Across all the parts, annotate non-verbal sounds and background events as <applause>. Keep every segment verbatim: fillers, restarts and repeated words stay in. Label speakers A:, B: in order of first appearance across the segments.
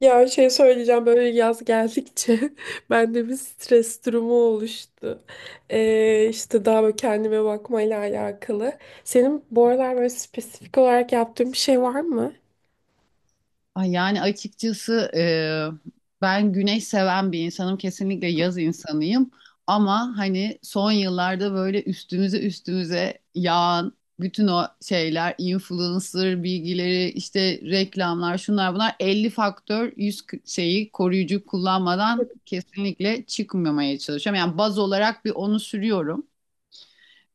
A: Ya şey söyleyeceğim böyle yaz geldikçe <laughs> bende bir stres durumu oluştu. Ee, işte daha böyle kendime bakmayla alakalı. Senin bu aralar böyle spesifik olarak yaptığın bir şey var mı?
B: Ay yani açıkçası e, ben güneş seven bir insanım. Kesinlikle yaz insanıyım. Ama hani son yıllarda böyle üstümüze üstümüze yağan bütün o şeyler, influencer bilgileri, işte reklamlar, şunlar bunlar elli faktör yüz k- şeyi koruyucu kullanmadan kesinlikle çıkmamaya çalışıyorum. Yani baz olarak bir onu sürüyorum.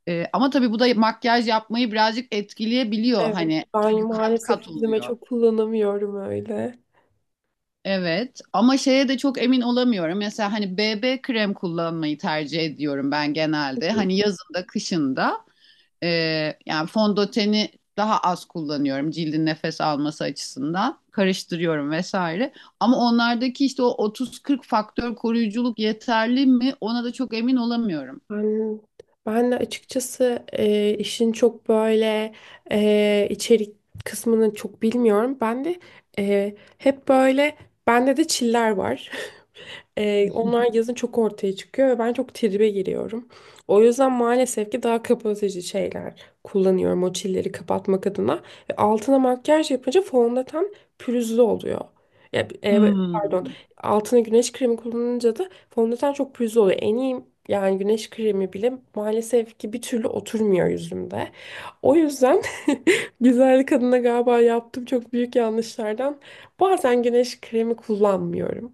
B: E, ama tabii bu da makyaj yapmayı birazcık etkileyebiliyor
A: Evet,
B: hani.
A: ben
B: Çünkü kat
A: maalesef
B: kat
A: yüzüme
B: oluyor.
A: çok kullanamıyorum öyle.
B: Evet, ama şeye de çok emin olamıyorum. Mesela hani B B krem kullanmayı tercih ediyorum ben genelde. Hani yazında, kışında e, yani fondöteni daha az kullanıyorum cildin nefes alması açısından. Karıştırıyorum vesaire. Ama onlardaki işte o otuz kırk faktör koruyuculuk yeterli mi? Ona da çok emin olamıyorum.
A: Ben, ben de açıkçası e, işin çok böyle e, içerik kısmını çok bilmiyorum. Ben de e, hep böyle bende de çiller var. Ee, onlar yazın çok ortaya çıkıyor ve ben çok tribe giriyorum. O yüzden maalesef ki daha kapatıcı şeyler kullanıyorum o çilleri kapatmak adına. Ve altına makyaj yapınca fondöten pürüzlü oluyor. Ya, e, pardon,
B: Hmm.
A: altına güneş kremi kullanınca da fondöten çok pürüzlü oluyor. En iyi yani güneş kremi bile maalesef ki bir türlü oturmuyor yüzümde. O yüzden <laughs> güzellik adına galiba yaptığım çok büyük yanlışlardan bazen güneş kremi kullanmıyorum.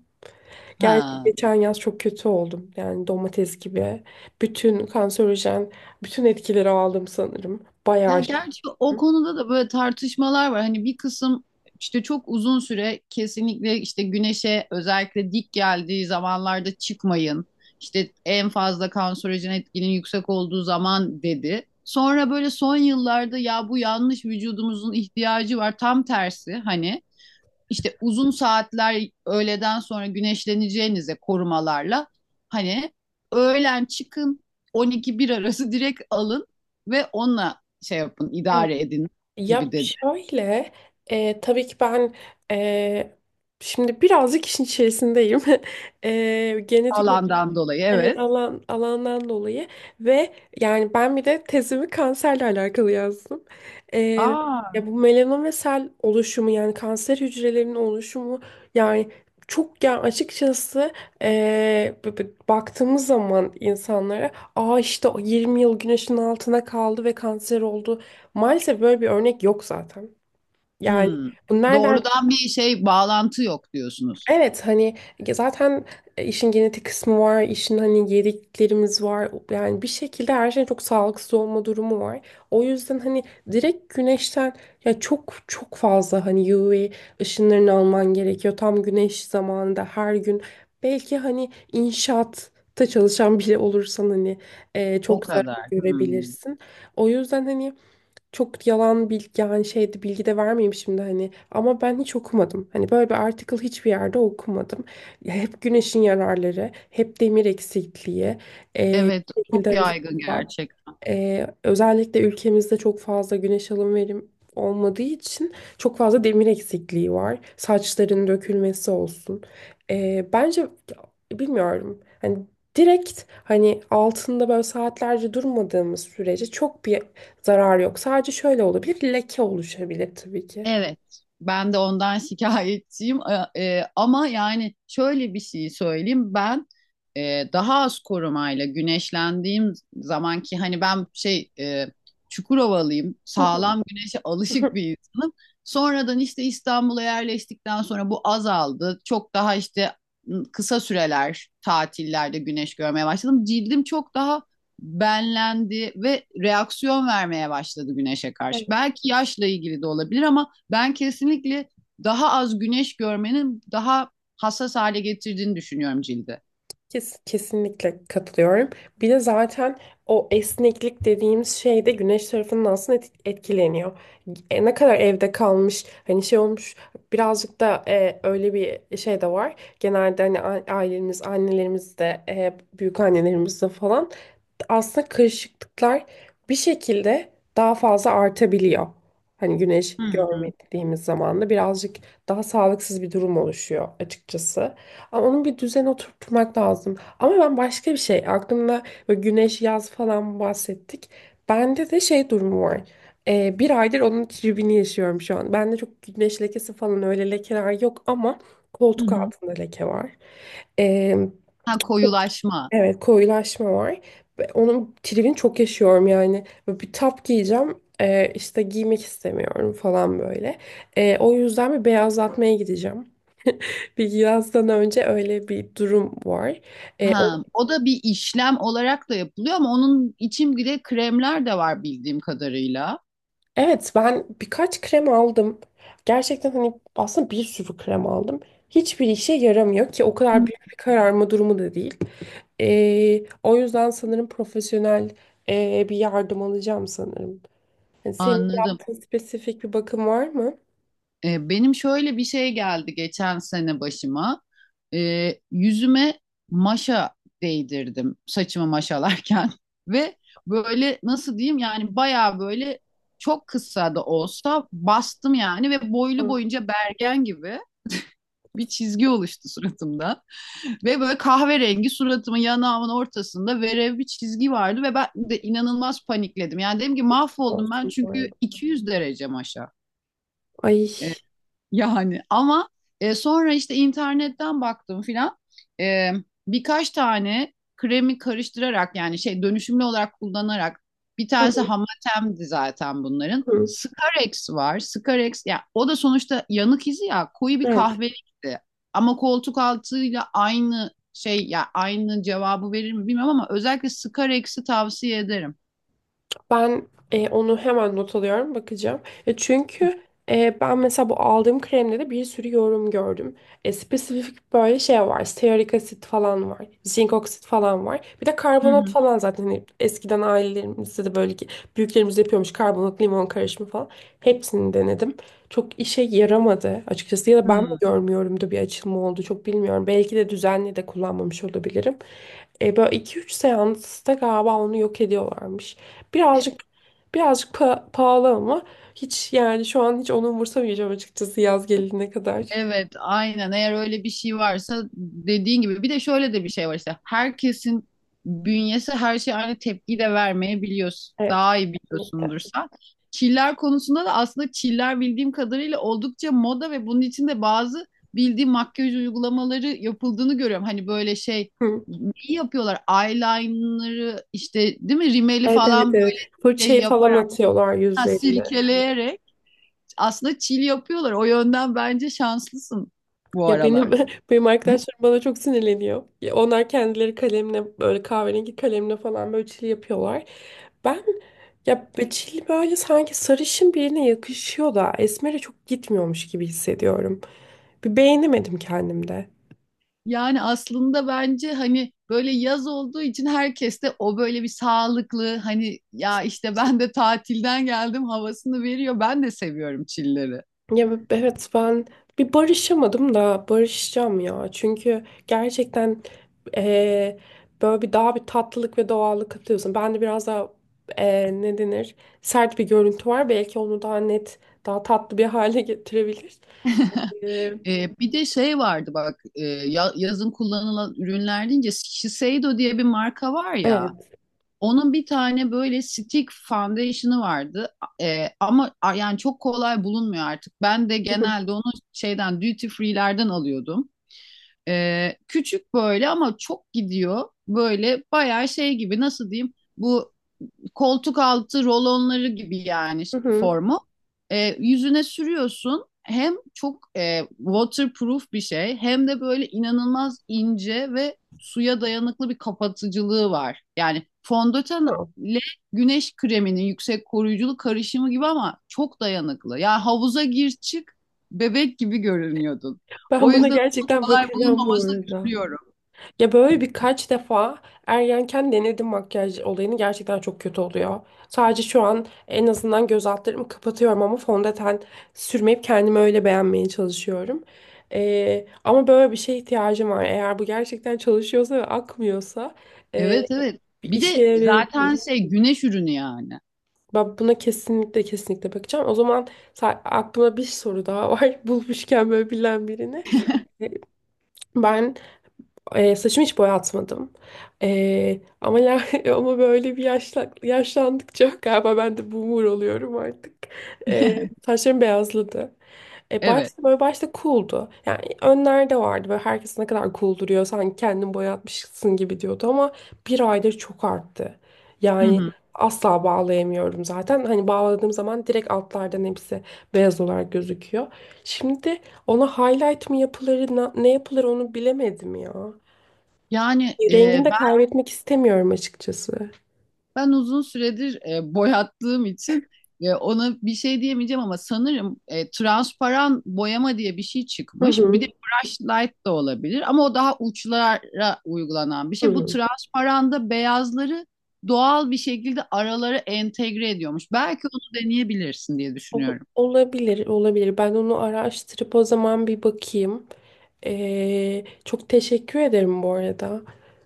A: Gerçi
B: Ha.
A: geçen yaz çok kötü oldum. Yani domates gibi. Bütün kanserojen, bütün etkileri aldım sanırım.
B: Ya
A: Bayağı şey.
B: gerçi o konuda da böyle tartışmalar var. Hani bir kısım işte çok uzun süre kesinlikle işte güneşe özellikle dik geldiği zamanlarda çıkmayın. İşte en fazla kanserojen etkinin yüksek olduğu zaman dedi. Sonra böyle son yıllarda ya bu yanlış, vücudumuzun ihtiyacı var tam tersi, hani işte uzun saatler öğleden sonra güneşleneceğinize korumalarla, hani öğlen çıkın on iki bir arası <laughs> direkt alın ve onunla şey yapın,
A: Evet.
B: idare edin
A: Ya
B: gibi dedi.
A: şöyle, e, tabii ki ben e, şimdi birazcık işin içerisindeyim. <laughs> E, genetik.
B: Alandan dolayı,
A: Evet,
B: evet.
A: alan alandan dolayı ve yani ben bir de tezimi kanserle alakalı yazdım. Ee,
B: Aa.
A: ya bu melanom ve sel oluşumu yani kanser hücrelerinin oluşumu yani çok yani açıkçası ee, b- b- baktığımız zaman insanlara aa işte o yirmi yıl güneşin altına kaldı ve kanser oldu. Maalesef böyle bir örnek yok zaten. Yani
B: Hmm.
A: bu nereden.
B: Doğrudan bir şey bağlantı yok diyorsunuz.
A: Evet, hani zaten e, işin genetik kısmı var, işin hani yediklerimiz var. Yani bir şekilde her şeyin çok sağlıksız olma durumu var. O yüzden hani direkt güneşten ya çok çok fazla hani U V ışınlarını alman gerekiyor. Tam güneş zamanında her gün belki hani inşaatta çalışan biri olursan hani e,
B: O
A: çok zarar
B: kadar. Hmm.
A: görebilirsin. O yüzden hani çok yalan bilgi yani şeydi bilgi de vermeyeyim şimdi hani ama ben hiç okumadım. Hani böyle bir article hiçbir yerde okumadım. Ya hep güneşin yararları, hep demir eksikliği, e,
B: Evet,
A: bir şekilde
B: çok yaygın
A: hani
B: gerçekten.
A: ee, özellikle ülkemizde çok fazla güneş alım verim olmadığı için çok fazla demir eksikliği var. Saçların dökülmesi olsun. Ee, bence bilmiyorum. Hani direkt hani altında böyle saatlerce durmadığımız sürece çok bir zarar yok. Sadece şöyle olabilir, leke oluşabilir tabii ki.
B: Evet, ben de ondan <laughs> şikayetçiyim. E, e, ama yani şöyle bir şey söyleyeyim. Ben e, daha az korumayla güneşlendiğim zaman, ki hani ben şey, e, Çukurovalıyım, sağlam
A: <laughs>
B: güneşe alışık bir insanım. Sonradan işte İstanbul'a yerleştikten sonra bu azaldı. Çok daha işte m, kısa süreler tatillerde güneş görmeye başladım. Cildim çok daha benlendi ve reaksiyon vermeye başladı güneşe karşı. Belki yaşla ilgili de olabilir ama ben kesinlikle daha az güneş görmenin daha hassas hale getirdiğini düşünüyorum cildi.
A: Kes- kesinlikle katılıyorum. Bir de zaten o esneklik dediğimiz şey de güneş tarafından aslında et- etkileniyor. E, ne kadar evde kalmış, hani şey olmuş birazcık da e, öyle bir şey de var. Genelde hani a- ailemiz, annelerimiz de, e, büyük annelerimiz de falan aslında karışıklıklar bir şekilde daha fazla artabiliyor. Hani güneş
B: Hı hı.
A: görmediğimiz zaman da birazcık daha sağlıksız bir durum oluşuyor açıkçası. Ama onun bir düzen oturtmak lazım. Ama ben başka bir şey aklımda böyle güneş yaz falan bahsettik. Bende de şey durumu var. Ee, bir aydır onun tribini yaşıyorum şu an. Bende çok güneş lekesi falan öyle lekeler yok ama
B: Hı
A: koltuk
B: hı.
A: altında leke var. Ee,
B: Ha, koyulaşma.
A: evet, koyulaşma var. Ve onun tribini çok yaşıyorum yani. Böyle bir tap giyeceğim. Ee, işte giymek istemiyorum falan böyle. Ee, o yüzden bir beyazlatmaya gideceğim. Bir yazdan önce öyle bir durum var. Ee,
B: Ha,
A: o-
B: o da bir işlem olarak da yapılıyor ama onun için bile kremler de var bildiğim kadarıyla.
A: evet, ben birkaç krem aldım. Gerçekten hani aslında bir sürü krem aldım. Hiçbir işe yaramıyor ki o kadar
B: Hı.
A: büyük bir kararma durumu da değil. Ee, o yüzden sanırım profesyonel e, bir yardım alacağım sanırım. Yani senin
B: Anladım.
A: yaptığın spesifik bir bakım var mı?
B: E, benim şöyle bir şey geldi geçen sene başıma. E, yüzüme maşa değdirdim saçımı maşalarken <laughs> ve böyle nasıl diyeyim, yani bayağı böyle çok kısa da olsa bastım yani, ve
A: Ha,
B: boylu boyunca bergen gibi bir çizgi oluştu suratımda. <laughs> Ve böyle kahverengi suratımın yanağımın ortasında verev bir çizgi vardı ve ben de inanılmaz panikledim. Yani dedim ki mahvoldum ben,
A: olsun bu
B: çünkü
A: arada.
B: iki yüz derece maşa.
A: Ay.
B: Yani ama e, sonra işte internetten baktım filan. E, Birkaç tane kremi karıştırarak, yani şey, dönüşümlü olarak kullanarak. Bir
A: Hı
B: tanesi Hamatem'di zaten bunların.
A: hı.
B: Scarex var. Scarex, ya o da sonuçta yanık izi, ya koyu bir
A: Evet.
B: kahverengi. Ama koltuk altıyla aynı şey, ya aynı cevabı verir mi bilmiyorum, ama özellikle Scarex'i tavsiye ederim.
A: Ben e, onu hemen not alıyorum, bakacağım. E, çünkü e, ben mesela bu aldığım kremde de bir sürü yorum gördüm. E, spesifik böyle şey var. Stearik asit falan var. Zinc oksit falan var. Bir de
B: Hı
A: karbonat
B: hı.
A: falan zaten. Hani eskiden ailelerimizde de böyle ki büyüklerimiz yapıyormuş karbonat limon karışımı falan. Hepsini denedim. Çok işe yaramadı açıkçası. Ya da ben mi
B: Hı.
A: görmüyorumdu bir açılma oldu çok bilmiyorum. Belki de düzenli de kullanmamış olabilirim. E, böyle iki üç seansta galiba onu yok ediyorlarmış.
B: E,
A: Birazcık birazcık pa- pahalı ama hiç yani şu an hiç onu umursamayacağım açıkçası yaz gelene kadar.
B: Evet, aynen. Eğer öyle bir şey varsa, dediğin gibi bir de şöyle de bir şey var işte. Herkesin bünyesi her şeye aynı tepkiyi de vermeyebiliyorsun.
A: Evet.
B: Daha iyi
A: Kesinlikle.
B: biliyorsundur sen. Çiller konusunda da aslında çiller bildiğim kadarıyla oldukça moda ve bunun içinde bazı bildiğim makyaj uygulamaları yapıldığını görüyorum. Hani böyle şey
A: Hı.
B: neyi yapıyorlar? Eyeliner'ı işte, değil mi? Rimeli
A: Evet,
B: falan,
A: evet, evet.
B: böyle şey
A: Fırçayı falan
B: yaparak,
A: atıyorlar
B: ha,
A: yüzlerine.
B: silkeleyerek aslında chill yapıyorlar. O yönden bence şanslısın bu
A: Ya benim
B: aralar.
A: <laughs> benim arkadaşlarım bana çok sinirleniyor. Ya onlar kendileri kalemle böyle kahverengi kalemle falan böyle çil yapıyorlar. Ben ya be- Çil böyle sanki sarışın birine yakışıyor da esmere çok gitmiyormuş gibi hissediyorum. Bir beğenemedim kendimde.
B: Yani aslında bence hani böyle yaz olduğu için herkes de o böyle bir sağlıklı, hani ya işte ben de tatilden geldim havasını veriyor. Ben de seviyorum chill'leri.
A: Ya b- evet, ben bir barışamadım da barışacağım ya. Çünkü gerçekten eee, böyle bir daha bir tatlılık ve doğallık katıyorsun. Bende biraz daha eee, ne denir, sert bir görüntü var. Belki onu daha net, daha tatlı bir <laughs> hale getirebilir. Eee,
B: Ee, bir de şey vardı bak, e, ya- yazın kullanılan ürünler deyince Shiseido diye bir marka var ya,
A: evet.
B: onun bir tane böyle stick foundation'ı vardı. Ee, ama a- yani çok kolay bulunmuyor artık. Ben de genelde
A: <laughs>
B: onu şeyden, duty free'lerden alıyordum. Ee, küçük böyle, ama çok gidiyor. Böyle bayağı şey gibi, nasıl diyeyim, bu koltuk altı rolonları gibi yani
A: Hı hı.
B: formu. E, yüzüne sürüyorsun. Hem çok e, waterproof bir şey, hem de böyle inanılmaz ince ve suya dayanıklı bir kapatıcılığı var. Yani fondöten ile güneş kreminin yüksek koruyuculuk karışımı gibi, ama çok dayanıklı. Yani havuza gir çık, bebek gibi görünüyordun. O
A: Ben buna
B: yüzden çok
A: gerçekten
B: kolay
A: bakacağım bu
B: bulunmamasına
A: arada.
B: üzülüyorum.
A: Ya böyle birkaç defa ergenken denedim makyaj olayını gerçekten çok kötü oluyor. Sadece şu an en azından göz altlarımı kapatıyorum ama fondöten sürmeyip kendimi öyle beğenmeye çalışıyorum. Ee, ama böyle bir şeye ihtiyacım var. Eğer bu gerçekten çalışıyorsa ve akmıyorsa e,
B: Evet, evet.
A: bir
B: Bir
A: işe
B: de zaten
A: yarayabilir.
B: şey, güneş ürünü yani.
A: Ben buna kesinlikle kesinlikle bakacağım. O zaman sa- aklımda bir soru daha var. <laughs> Bulmuşken böyle bilen birini. E, Ben Eee saçımı hiç boyatmadım. Eee, ama ya, <laughs> ama böyle bir yaşla, yaşlandıkça <laughs> galiba ben de boomer oluyorum artık. Eee
B: <laughs>
A: saçlarım beyazladı. E,
B: Evet.
A: başta böyle başta cool'du. Yani önlerde vardı böyle herkes ne kadar cool duruyor sanki kendin boyatmışsın gibi diyordu ama bir aydır çok arttı.
B: Hı
A: Yani
B: hı.
A: asla bağlayamıyorum zaten. Hani bağladığım zaman direkt altlardan hepsi beyaz olarak gözüküyor. Şimdi ona highlight mı yapılır, na- ne yapılır onu bilemedim ya.
B: Yani e,
A: Rengini de, evet,
B: ben
A: kaybetmek istemiyorum açıkçası.
B: ben uzun süredir e, boyattığım için e, ona bir şey diyemeyeceğim, ama sanırım e, transparan boyama diye bir şey
A: Hı
B: çıkmış. Bir de
A: hı.
B: brush light da olabilir ama o daha uçlara uygulanan bir
A: Hı
B: şey. Bu
A: hı.
B: transparanda beyazları doğal bir şekilde aralara entegre ediyormuş. Belki onu deneyebilirsin diye
A: Ol-
B: düşünüyorum.
A: Olabilir, olabilir. Ben onu araştırıp o zaman bir bakayım. Ee, çok teşekkür ederim bu arada.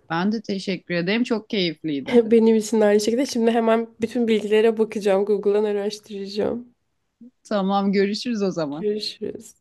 B: Ben de teşekkür ederim. Çok keyifliydi.
A: <laughs> Benim için de aynı şekilde. Şimdi hemen bütün bilgilere bakacağım. Google'dan araştıracağım.
B: Tamam, görüşürüz o zaman.
A: Görüşürüz.